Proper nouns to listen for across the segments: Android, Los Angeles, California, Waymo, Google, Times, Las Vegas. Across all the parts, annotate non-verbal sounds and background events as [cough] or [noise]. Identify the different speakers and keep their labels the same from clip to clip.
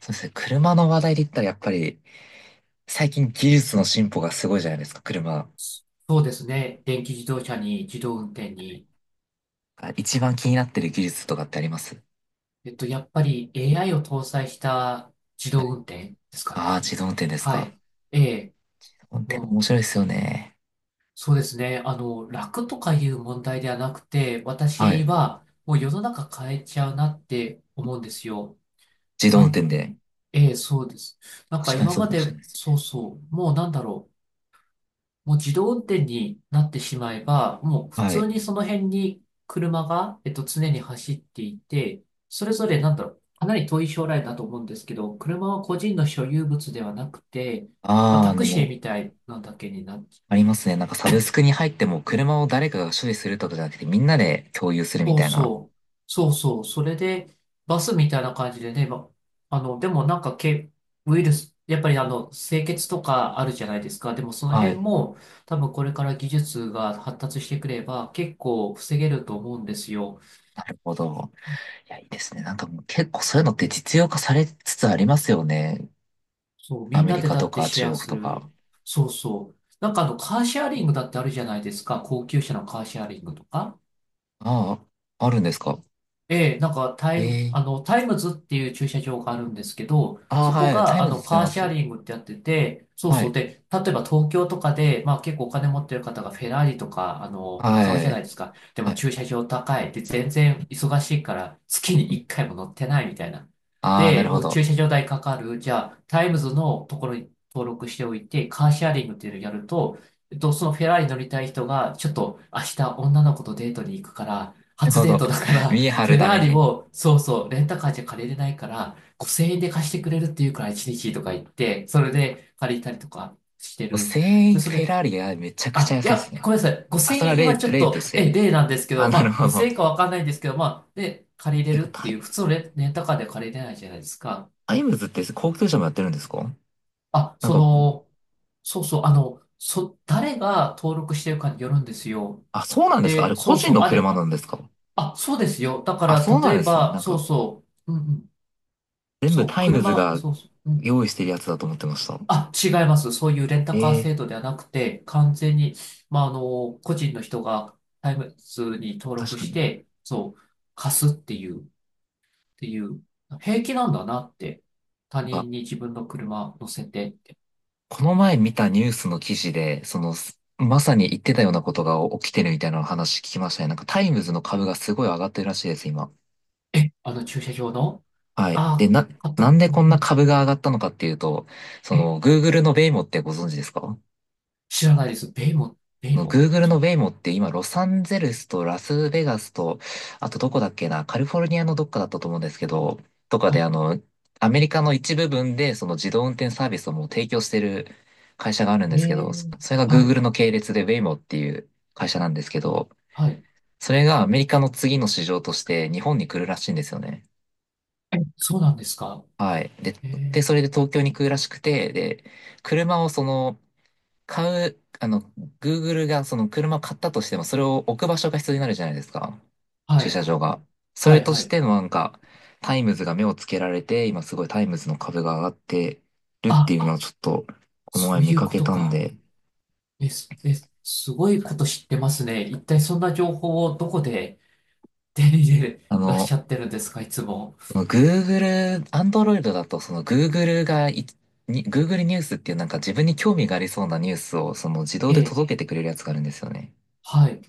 Speaker 1: そうですね。車の話題で言ったらやっぱり最近技術の進歩がすごいじゃないですか、車。
Speaker 2: そうですね。電気自動車に自動運転に。
Speaker 1: 一番気になってる技術とかってあります？
Speaker 2: やっぱり AI を搭載した自動運転ですか
Speaker 1: ああー、
Speaker 2: ね。
Speaker 1: 自動運転です
Speaker 2: は
Speaker 1: か。自
Speaker 2: い。ええ、
Speaker 1: 動運転
Speaker 2: も
Speaker 1: 面
Speaker 2: う、
Speaker 1: 白いですよね。
Speaker 2: そうですね。楽とかいう問題ではなくて、
Speaker 1: は
Speaker 2: 私
Speaker 1: い。
Speaker 2: はもう世の中変えちゃうなって思うんですよ。
Speaker 1: 自動運
Speaker 2: な
Speaker 1: 転
Speaker 2: ん、
Speaker 1: で。
Speaker 2: ええ、そうです。なん
Speaker 1: 確
Speaker 2: か
Speaker 1: かに
Speaker 2: 今
Speaker 1: そう
Speaker 2: ま
Speaker 1: かもしれ
Speaker 2: で、
Speaker 1: ないです
Speaker 2: そう
Speaker 1: ね。
Speaker 2: そう、もうもう自動運転になってしまえば、もう普
Speaker 1: はい。
Speaker 2: 通にその辺に車が、常に走っていて、それぞれなんだろう、かなり遠い将来だと思うんですけど、車は個人の所有物ではなくて、まあ、
Speaker 1: ああ、あ
Speaker 2: タ
Speaker 1: の
Speaker 2: ク
Speaker 1: も
Speaker 2: シー
Speaker 1: う、
Speaker 2: みたいなだけになっ
Speaker 1: ありますね。なんかサブスクに入っても車を誰かが所有するとかじゃなくてみんなで共有するみ
Speaker 2: そう
Speaker 1: たいな。
Speaker 2: そう。そうそう。それで、バスみたいな感じでね、ま、あの、でもなんかけ、ウイルス、やっぱりあの、清潔とかあるじゃないですか。でもその
Speaker 1: は
Speaker 2: 辺
Speaker 1: い。
Speaker 2: も、多分これから技術が発達してくれば、結構防げると思うんですよ。
Speaker 1: なるほど。いや、いいですね。なんかもう結構そういうのって実用化されつつありますよね。
Speaker 2: そう、
Speaker 1: ア
Speaker 2: みん
Speaker 1: メ
Speaker 2: な
Speaker 1: リ
Speaker 2: で
Speaker 1: カ
Speaker 2: だ
Speaker 1: と
Speaker 2: って
Speaker 1: か
Speaker 2: シ
Speaker 1: 中
Speaker 2: ェア
Speaker 1: 国
Speaker 2: す
Speaker 1: とか。
Speaker 2: る。そうそう。カーシェアリングだってあるじゃないですか。高級車のカーシェアリングとか。
Speaker 1: ああ、あるんですか？
Speaker 2: ええ、
Speaker 1: ええ、
Speaker 2: タイムズっていう駐車場があるんですけど、
Speaker 1: ああ、
Speaker 2: そこ
Speaker 1: はい。タ
Speaker 2: が、
Speaker 1: イ
Speaker 2: あ
Speaker 1: ムズ
Speaker 2: の、
Speaker 1: 使い
Speaker 2: カー
Speaker 1: ま
Speaker 2: シェア
Speaker 1: す。
Speaker 2: リングってやってて、そう
Speaker 1: は
Speaker 2: そ
Speaker 1: い。
Speaker 2: う。で、例えば東京とかで、まあ結構お金持ってる方がフェラーリとか、あの、
Speaker 1: は
Speaker 2: 買うじゃない
Speaker 1: い。
Speaker 2: ですか。で
Speaker 1: は
Speaker 2: も駐
Speaker 1: い。
Speaker 2: 車場高い。で、全然忙しいから、月に1回も乗ってないみたいな。
Speaker 1: ああ、なる
Speaker 2: で、
Speaker 1: ほ
Speaker 2: もう駐
Speaker 1: ど。
Speaker 2: 車場代かかる。じゃあ、タイムズのところに登録しておいて、カーシェアリングっていうのをやると、そのフェラーリ乗りたい人が、ちょっと明日女の子とデートに行くから、
Speaker 1: なる
Speaker 2: 初
Speaker 1: ほ
Speaker 2: デー
Speaker 1: ど。
Speaker 2: トだか
Speaker 1: [laughs]
Speaker 2: ら、
Speaker 1: 見え張
Speaker 2: フ
Speaker 1: る
Speaker 2: ェ
Speaker 1: た
Speaker 2: ラ
Speaker 1: め
Speaker 2: ーリ
Speaker 1: に。
Speaker 2: も、そうそう、レンタカーじゃ借りれないから、5000円で貸してくれるっていうから1日とか言って、それで借りたりとかしてる。
Speaker 1: 1000
Speaker 2: で、
Speaker 1: 円
Speaker 2: そ
Speaker 1: フ
Speaker 2: れ
Speaker 1: ェ
Speaker 2: で、
Speaker 1: ラーリがめちゃくちゃ
Speaker 2: あ、
Speaker 1: 安
Speaker 2: い
Speaker 1: いです
Speaker 2: や、
Speaker 1: ね。
Speaker 2: ごめんなさい。
Speaker 1: あ、
Speaker 2: 5000
Speaker 1: それは
Speaker 2: 円、
Speaker 1: 例、
Speaker 2: 今ちょっ
Speaker 1: 例と
Speaker 2: と、
Speaker 1: して。
Speaker 2: 例なんですけ
Speaker 1: あ、
Speaker 2: ど、
Speaker 1: なる
Speaker 2: まあ、
Speaker 1: ほど。
Speaker 2: 5000円かわかんないんですけど、まあ、で、借りれ
Speaker 1: て
Speaker 2: る
Speaker 1: か、
Speaker 2: って
Speaker 1: タ
Speaker 2: い
Speaker 1: イ、
Speaker 2: う、普通のレンタカーで借りれないじゃないですか。
Speaker 1: タイムズって高級車もやってるんですか？
Speaker 2: あ、
Speaker 1: なん
Speaker 2: そ
Speaker 1: か、
Speaker 2: の、そうそう、誰が登録してるかによるんですよ。
Speaker 1: あ、そうなんですか？あ
Speaker 2: で、
Speaker 1: れ個
Speaker 2: そう
Speaker 1: 人
Speaker 2: そう、
Speaker 1: の
Speaker 2: あれ、
Speaker 1: 車なんですか？
Speaker 2: あ、そうですよ。だか
Speaker 1: あ、
Speaker 2: ら、
Speaker 1: そうなん
Speaker 2: 例え
Speaker 1: ですね。
Speaker 2: ば、
Speaker 1: なん
Speaker 2: そう
Speaker 1: か、
Speaker 2: そう、うんうん
Speaker 1: 全部
Speaker 2: そう、
Speaker 1: タイムズ
Speaker 2: 車、
Speaker 1: が
Speaker 2: そうそう、うん。
Speaker 1: 用意してるやつだと思ってました。
Speaker 2: あ、違います。そういうレンタカー制
Speaker 1: ええ、
Speaker 2: 度ではなくて、完全に、まあ、あの、個人の人がタイムズに登
Speaker 1: 確
Speaker 2: 録
Speaker 1: か
Speaker 2: し
Speaker 1: に。
Speaker 2: て、そう、貸すっていう、ていう、平気なんだなって。他人に自分の車乗せてって。
Speaker 1: この前見たニュースの記事で、その、まさに言ってたようなことが起きてるみたいな話聞きましたね。なんかタイムズの株がすごい上がってるらしいです、今。
Speaker 2: え、あの駐車場の
Speaker 1: はい。で、
Speaker 2: あ、
Speaker 1: なんで
Speaker 2: う
Speaker 1: こ
Speaker 2: ん
Speaker 1: ん
Speaker 2: う
Speaker 1: な
Speaker 2: ん、
Speaker 1: 株が上がったのかっていうと、そ
Speaker 2: え、
Speaker 1: の、Google のベイモってご存知ですか？
Speaker 2: 知らないです。ベイも、ベイ
Speaker 1: の
Speaker 2: も。
Speaker 1: Google の Waymo って今、ロサンゼルスとラスベガスと、あとどこだっけな、カリフォルニアのどっかだったと思うんですけど、とか
Speaker 2: は
Speaker 1: で
Speaker 2: い。
Speaker 1: あの、アメリカの一部分でその自動運転サービスをもう提供してる会社があるん
Speaker 2: え
Speaker 1: ですけど、
Speaker 2: ー、
Speaker 1: それが
Speaker 2: はい、
Speaker 1: Google の系列で Waymo っていう会社なんですけど、
Speaker 2: はい。
Speaker 1: それがアメリカの次の市場として日本に来るらしいんですよね。
Speaker 2: え、そうなんですか。
Speaker 1: はい。で、
Speaker 2: え
Speaker 1: で、
Speaker 2: ー、
Speaker 1: それで東京に来るらしくて、で、車をその、買う、あの、Google がその車を買ったとしても、それを置く場所が必要になるじゃないですか。
Speaker 2: は
Speaker 1: 駐車
Speaker 2: い、
Speaker 1: 場が。そ
Speaker 2: は
Speaker 1: れ
Speaker 2: い、
Speaker 1: と
Speaker 2: は
Speaker 1: し
Speaker 2: い。
Speaker 1: てのなんか、タイムズが目をつけられて、今すごいタイムズの株が上がってるって
Speaker 2: あ、
Speaker 1: いうのをちょっと、この
Speaker 2: そ
Speaker 1: 前
Speaker 2: う
Speaker 1: 見
Speaker 2: いう
Speaker 1: か
Speaker 2: こ
Speaker 1: け
Speaker 2: と
Speaker 1: たん
Speaker 2: か。
Speaker 1: で、
Speaker 2: え、すえ、すごいこと知ってますね。一体そんな情報をどこで手に入れ
Speaker 1: あ
Speaker 2: らっし
Speaker 1: の、
Speaker 2: ゃってるんですか、いつも。
Speaker 1: Google、Android だと、その Google がい、に Google ニュースっていうなんか自分に興味がありそうなニュースをその自動で
Speaker 2: え、
Speaker 1: 届けてくれるやつがあるんですよね。
Speaker 2: はい。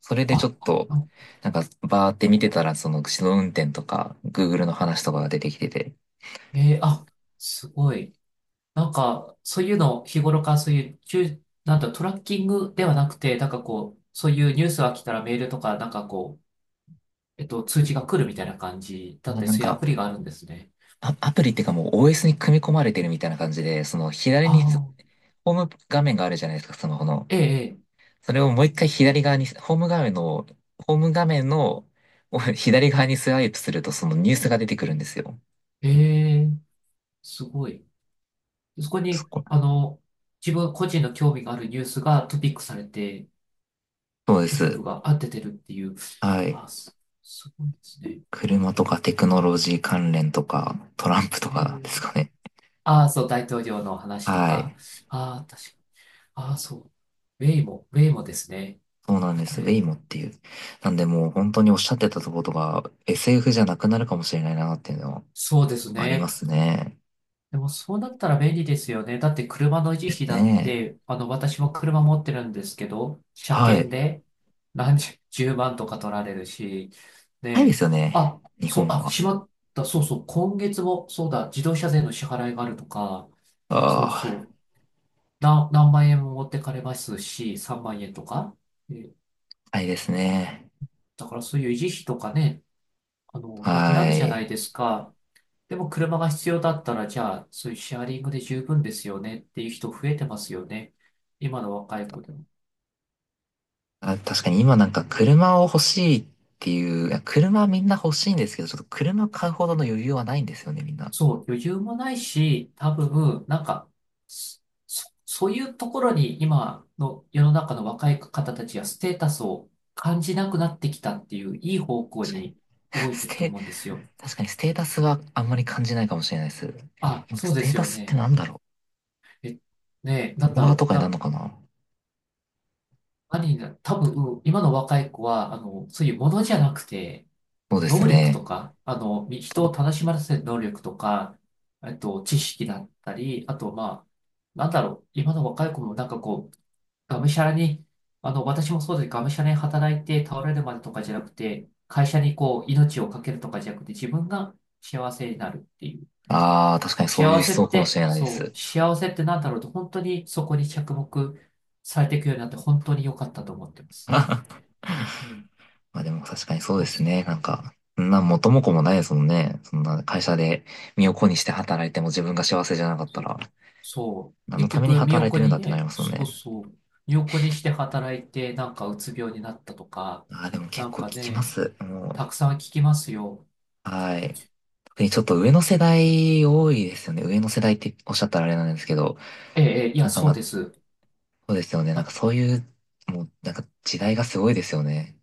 Speaker 1: それでちょ
Speaker 2: あ、
Speaker 1: っと、
Speaker 2: あ
Speaker 1: なんか、バーって見てたら、その、自動運転とか、Google の話とかが出てきてて、
Speaker 2: えーあ、すごい。なんか、そういうの、日頃からそういう、ちゅなんだ、トラッキングではなくて、なんかこう、そういうニュースが来たらメールとか、なんかこう、通知が来るみたいな感じだっ
Speaker 1: まあ
Speaker 2: て、
Speaker 1: なん
Speaker 2: そういうア
Speaker 1: か、
Speaker 2: プリがあるんですね。
Speaker 1: アプリっていうかもう OS に組み込まれてるみたいな感じで、その、左
Speaker 2: あ
Speaker 1: に、
Speaker 2: あ、
Speaker 1: ホーム画面があるじゃないですか、スマホの。
Speaker 2: ええ、
Speaker 1: それをもう一回左側に、ホーム画面の、左側にスワイプすると、そのニュースが出てくるんですよ。
Speaker 2: ええ、ええすごい。そこ
Speaker 1: そ
Speaker 2: に、
Speaker 1: こ、
Speaker 2: あの、自分個人の興味があるニュースがトピックされて、
Speaker 1: そうで
Speaker 2: トピッ
Speaker 1: す。
Speaker 2: クが合っててるっていう。
Speaker 1: はい。
Speaker 2: あ、す、すごいですね。
Speaker 1: 車とかテクノロジー関連とか、トランプと
Speaker 2: え
Speaker 1: かです
Speaker 2: ー、
Speaker 1: かね。
Speaker 2: ああ、そう、大統領の話と
Speaker 1: は
Speaker 2: か。
Speaker 1: い。
Speaker 2: ああ、確か。ああ、そう。ウェイも、ウェイもですね。
Speaker 1: そうなん
Speaker 2: あ
Speaker 1: で
Speaker 2: こ
Speaker 1: す。ウェ
Speaker 2: れ、
Speaker 1: イモっていう。なんでもう本当におっしゃってたところが SF じゃなくなるかもしれないなっていうのは
Speaker 2: そうです
Speaker 1: ありま
Speaker 2: ね。
Speaker 1: すね。
Speaker 2: でもそうなったら便利ですよね。だって車の維持
Speaker 1: です
Speaker 2: 費だっ
Speaker 1: ね。
Speaker 2: て、あの、私も車持ってるんですけど、車
Speaker 1: は
Speaker 2: 検
Speaker 1: い。
Speaker 2: で10万とか取られるし、ね
Speaker 1: ないで
Speaker 2: え、
Speaker 1: すよね、
Speaker 2: あ、
Speaker 1: 日
Speaker 2: そう、
Speaker 1: 本
Speaker 2: あ、
Speaker 1: は。
Speaker 2: しまった、そうそう、今月も、そうだ、自動車税の支払いがあるとか、そう
Speaker 1: あ
Speaker 2: そ
Speaker 1: あ、
Speaker 2: う、何万円も持ってかれますし、3万円とか。え
Speaker 1: タいですね。
Speaker 2: だからそういう維持費とかね、あの、なくなる
Speaker 1: は
Speaker 2: じゃないで
Speaker 1: い。
Speaker 2: すか。でも車が必要だったら、じゃあ、そういうシェアリングで十分ですよねっていう人増えてますよね。今の若い子でも。
Speaker 1: あ、確かに今なんか車を欲しいっていう、いや車みんな欲しいんですけど、ちょっと車買うほどの余裕はないんですよね、みんな。
Speaker 2: そう、余裕もないし、多分、なんか、そ、そういうところに今の世の中の若い方たちがステータスを感じなくなってきたっていういい方向
Speaker 1: 確かに。
Speaker 2: に動
Speaker 1: [laughs]
Speaker 2: い
Speaker 1: ス
Speaker 2: てると
Speaker 1: テ、
Speaker 2: 思うんですよ。
Speaker 1: 確かにステータスはあんまり感じないかもしれないです。
Speaker 2: あ、
Speaker 1: 今
Speaker 2: そう
Speaker 1: ス
Speaker 2: で
Speaker 1: テー
Speaker 2: す
Speaker 1: タ
Speaker 2: よ
Speaker 1: スって
Speaker 2: ね。
Speaker 1: なんだろ
Speaker 2: え、ねえ、
Speaker 1: う、
Speaker 2: な
Speaker 1: フォ
Speaker 2: ん
Speaker 1: ロ
Speaker 2: だ
Speaker 1: ワ
Speaker 2: ろ
Speaker 1: ーと
Speaker 2: う。
Speaker 1: かになる
Speaker 2: な、
Speaker 1: のかな？
Speaker 2: 何にな、多分、今の若い子は、あの、そういうものじゃなくて、
Speaker 1: そうです
Speaker 2: 能力と
Speaker 1: ね。
Speaker 2: か、人を楽しませる能力とか、知識だったり、あと、まあ、なんだろう、今の若い子もなんかこう、がむしゃらに、あの、私もそうです。がむしゃらに働いて倒れるまでとかじゃなくて、会社にこう、命をかけるとかじゃなくて、自分が幸せになるっていう。
Speaker 1: ああ、確かにそういう
Speaker 2: 幸
Speaker 1: 思
Speaker 2: せ
Speaker 1: 想
Speaker 2: っ
Speaker 1: かもし
Speaker 2: て、
Speaker 1: れないで
Speaker 2: そ
Speaker 1: す。
Speaker 2: う、幸せってなんだろうと、本当にそこに着目されていくようになって、本当に良かったと思ってます。
Speaker 1: [laughs]
Speaker 2: ね、
Speaker 1: まあでも確かにそうで
Speaker 2: 確
Speaker 1: す
Speaker 2: か
Speaker 1: ね。な
Speaker 2: に。
Speaker 1: んか、そんな元も子もないですもんね。そんな会社で身を粉にして働いても自分が幸せじゃなかったら、
Speaker 2: そう。
Speaker 1: 何の
Speaker 2: 結
Speaker 1: ために
Speaker 2: 局、身
Speaker 1: 働
Speaker 2: を
Speaker 1: いて
Speaker 2: 粉
Speaker 1: るん
Speaker 2: に
Speaker 1: だってなり
Speaker 2: ね、
Speaker 1: ますもん
Speaker 2: そう
Speaker 1: ね。
Speaker 2: そう。身を粉にして働いて、なんかうつ病になったとか、
Speaker 1: ああ、でも結
Speaker 2: なん
Speaker 1: 構聞
Speaker 2: か
Speaker 1: きま
Speaker 2: ね、
Speaker 1: す。
Speaker 2: たくさん聞きますよ。
Speaker 1: はい。特にちょっと上の世代多いですよね。上の世代っておっしゃったらあれなんですけど、
Speaker 2: ええ、ええいや、
Speaker 1: なんか
Speaker 2: そ
Speaker 1: ま
Speaker 2: う
Speaker 1: あ、
Speaker 2: です。
Speaker 1: そうですよね。な
Speaker 2: あ
Speaker 1: んかそういう、もうなんか時代がすごいですよね。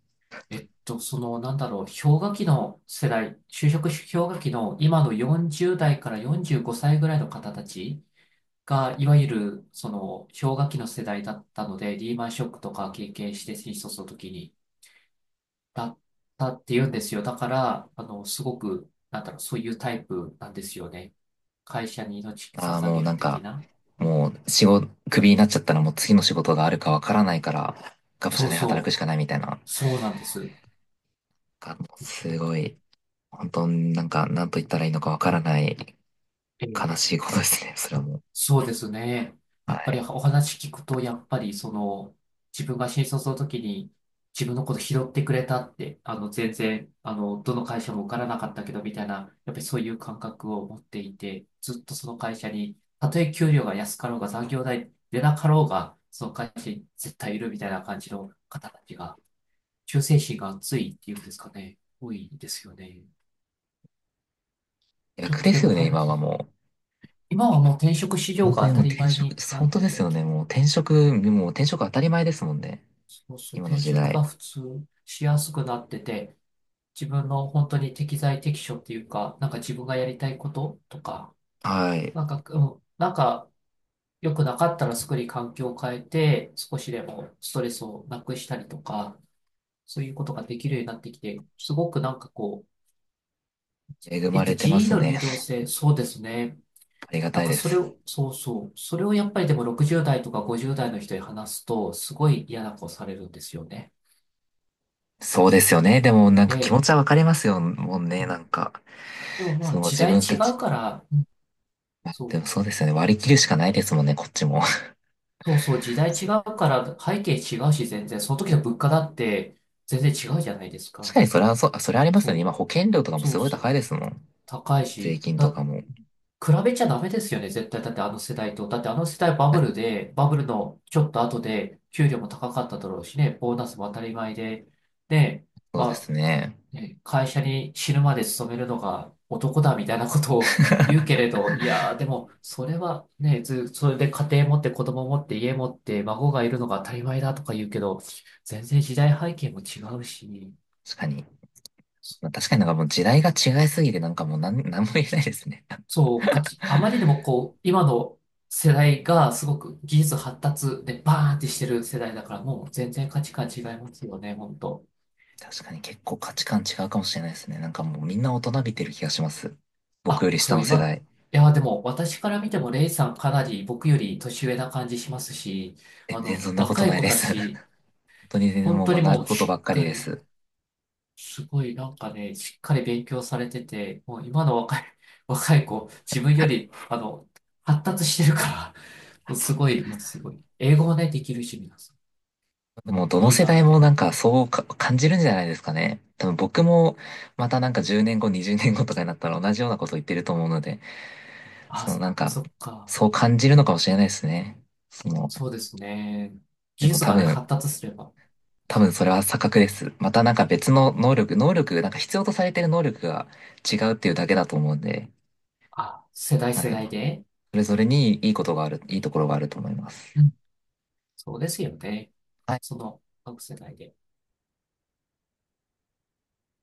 Speaker 2: えっと、その、なんだろう、氷河期の世代、就職氷河期の今の40代から45歳ぐらいの方たちが、いわゆる、その、氷河期の世代だったので、リーマンショックとか経験して、新卒の時に、だったって言うんですよ。だから、あの、すごく、なんだろう、そういうタイプなんですよね。会社に命
Speaker 1: ああ、
Speaker 2: 捧
Speaker 1: もう
Speaker 2: げ
Speaker 1: な
Speaker 2: る
Speaker 1: ん
Speaker 2: 的
Speaker 1: か、
Speaker 2: な。
Speaker 1: もう仕事、クビになっちゃったらもう次の仕事があるかわからないから、がむしゃ
Speaker 2: そ
Speaker 1: ら
Speaker 2: う
Speaker 1: に働く
Speaker 2: そ
Speaker 1: し
Speaker 2: う。
Speaker 1: かないみたいな、
Speaker 2: そうなんです。
Speaker 1: もうすごい、本当になんか、なんと言ったらいいのかわからない悲しいことですね、それはもう。
Speaker 2: そうですね。
Speaker 1: は
Speaker 2: やっぱり
Speaker 1: い。
Speaker 2: お話聞くと、やっぱりその、自分が新卒の時に自分のこと拾ってくれたって、あの、全然、あの、どの会社も受からなかったけど、みたいな、やっぱりそういう感覚を持っていて、ずっとその会社に、たとえ給料が安かろうが残業代出なかろうが、その会社に絶対いるみたいな感じの方たちが、忠誠心が熱いっていうんですかね、多いですよね。ちょっ
Speaker 1: 逆
Speaker 2: と
Speaker 1: で
Speaker 2: で
Speaker 1: す
Speaker 2: も
Speaker 1: よね、今は
Speaker 2: 話、
Speaker 1: もう。
Speaker 2: 今はもう転職市場
Speaker 1: 本当
Speaker 2: が
Speaker 1: に
Speaker 2: 当
Speaker 1: も
Speaker 2: た
Speaker 1: う
Speaker 2: り
Speaker 1: 転
Speaker 2: 前
Speaker 1: 職、
Speaker 2: になっ
Speaker 1: 本当
Speaker 2: て
Speaker 1: です
Speaker 2: て、
Speaker 1: よね、もう転職当たり前ですもんね。
Speaker 2: そうそう、
Speaker 1: 今の
Speaker 2: 転
Speaker 1: 時
Speaker 2: 職が
Speaker 1: 代。
Speaker 2: 普通しやすくなってて、自分の本当に適材適所っていうか、なんか自分がやりたいこととか、
Speaker 1: はい。
Speaker 2: なんか、うん、なんか良くなかったらすぐに環境を変えて、少しでもストレスをなくしたりとか、そういうことができるようになってきて、すごくなんかこう、
Speaker 1: 恵まれてま
Speaker 2: 人員
Speaker 1: す
Speaker 2: の
Speaker 1: ね。
Speaker 2: 流動
Speaker 1: [laughs]
Speaker 2: 性、そうですね。
Speaker 1: ありが
Speaker 2: なん
Speaker 1: たい
Speaker 2: か
Speaker 1: で
Speaker 2: それ
Speaker 1: す。
Speaker 2: を、そうそう、それをやっぱりでも60代とか50代の人に話すと、すごい嫌な顔されるんですよね。
Speaker 1: そうですよね。でもなんか気持
Speaker 2: ええ
Speaker 1: ちはわかりますよ、もうね、なんか。
Speaker 2: でもまあ
Speaker 1: その
Speaker 2: 時
Speaker 1: 自
Speaker 2: 代
Speaker 1: 分
Speaker 2: 違
Speaker 1: た
Speaker 2: う
Speaker 1: ち。
Speaker 2: から、うんそ
Speaker 1: で
Speaker 2: う、
Speaker 1: もそうですよね。割り切るしかないですもんね、こっちも。
Speaker 2: そうそう、時
Speaker 1: [laughs]
Speaker 2: 代違
Speaker 1: そう、
Speaker 2: うから背景違うし全然、その時の物価だって全然違うじゃないです
Speaker 1: 確か
Speaker 2: か。
Speaker 1: にそれはそう、あそれありますよね。
Speaker 2: そう、
Speaker 1: 今保険料とかも
Speaker 2: そ
Speaker 1: す
Speaker 2: う
Speaker 1: ごい
Speaker 2: そ
Speaker 1: 高い
Speaker 2: う、
Speaker 1: ですもん。
Speaker 2: 高い
Speaker 1: 税
Speaker 2: し、
Speaker 1: 金と
Speaker 2: だ、
Speaker 1: かも。
Speaker 2: 比べちゃダメですよね、絶対。だってあの世代と。だってあの世代バブ
Speaker 1: 確か
Speaker 2: ル
Speaker 1: に、
Speaker 2: で、バブルのちょっと後で給料も高かっただろうしね、ボーナスも当たり前で、で、
Speaker 1: そうで
Speaker 2: ま
Speaker 1: すね。
Speaker 2: ね、会社に死ぬまで勤めるのが男だみたいなこと
Speaker 1: [laughs]
Speaker 2: を言うけ
Speaker 1: 確
Speaker 2: れど、いやーでも、それはね、ず、それで家庭持って子供持って家持って孫がいるのが当たり前だとか言うけど、全然時代背景も違うし、
Speaker 1: かに。まあ、確かになんかもう時代が違いすぎてなんかもうなんも言えないですね。
Speaker 2: そう、かつ、あまりにもこう、今の世代がすごく技術発達でバーンってしてる世代だから、もう全然価値観違いますよね、本当
Speaker 1: [laughs] 確かに結構価値観違うかもしれないですね。なんかもうみんな大人びてる気がします。僕よ
Speaker 2: あ、
Speaker 1: り下
Speaker 2: そう、
Speaker 1: の世
Speaker 2: 今、
Speaker 1: 代。
Speaker 2: いや、でも、私から見ても、レイさんかなり僕より年上な感じしますし、あ
Speaker 1: 全然
Speaker 2: の、
Speaker 1: そんなこと
Speaker 2: 若い
Speaker 1: ない
Speaker 2: 子
Speaker 1: で
Speaker 2: た
Speaker 1: す。[laughs] 本
Speaker 2: ち、
Speaker 1: 当に全然
Speaker 2: 本
Speaker 1: もう
Speaker 2: 当に
Speaker 1: 学
Speaker 2: も
Speaker 1: ぶ
Speaker 2: う、
Speaker 1: ことば
Speaker 2: し
Speaker 1: っ
Speaker 2: っ
Speaker 1: かり
Speaker 2: か
Speaker 1: で
Speaker 2: り、
Speaker 1: す。
Speaker 2: すごい、なんかね、しっかり勉強されてて、もう今の若い、[laughs] 若い子、自分より、あの、発達してるから、もうすごい、もうすごい。英語もね、できるし、皆さ
Speaker 1: もうど
Speaker 2: ん。
Speaker 1: の
Speaker 2: いい
Speaker 1: 世
Speaker 2: な
Speaker 1: 代
Speaker 2: っ
Speaker 1: も
Speaker 2: て。
Speaker 1: なんかそうか感じるんじゃないですかね。多分僕もまたなんか10年後、20年後とかになったら同じようなこと言ってると思うので、
Speaker 2: あ、
Speaker 1: そのなんか、
Speaker 2: そっか。
Speaker 1: そう感じるのかもしれないですね。その、
Speaker 2: そうですね。
Speaker 1: で
Speaker 2: 技
Speaker 1: も
Speaker 2: 術
Speaker 1: 多
Speaker 2: がね、発
Speaker 1: 分、
Speaker 2: 達すれば、
Speaker 1: それは錯覚です。またなんか別の能力、なんか必要とされてる能力が違うっていうだけだと思うんで、
Speaker 2: あ、世代
Speaker 1: は
Speaker 2: 世
Speaker 1: い。
Speaker 2: 代で。
Speaker 1: それぞれにいいことがある、いいところがあると思います。
Speaker 2: そうですよね。
Speaker 1: はい
Speaker 2: その、各世代で。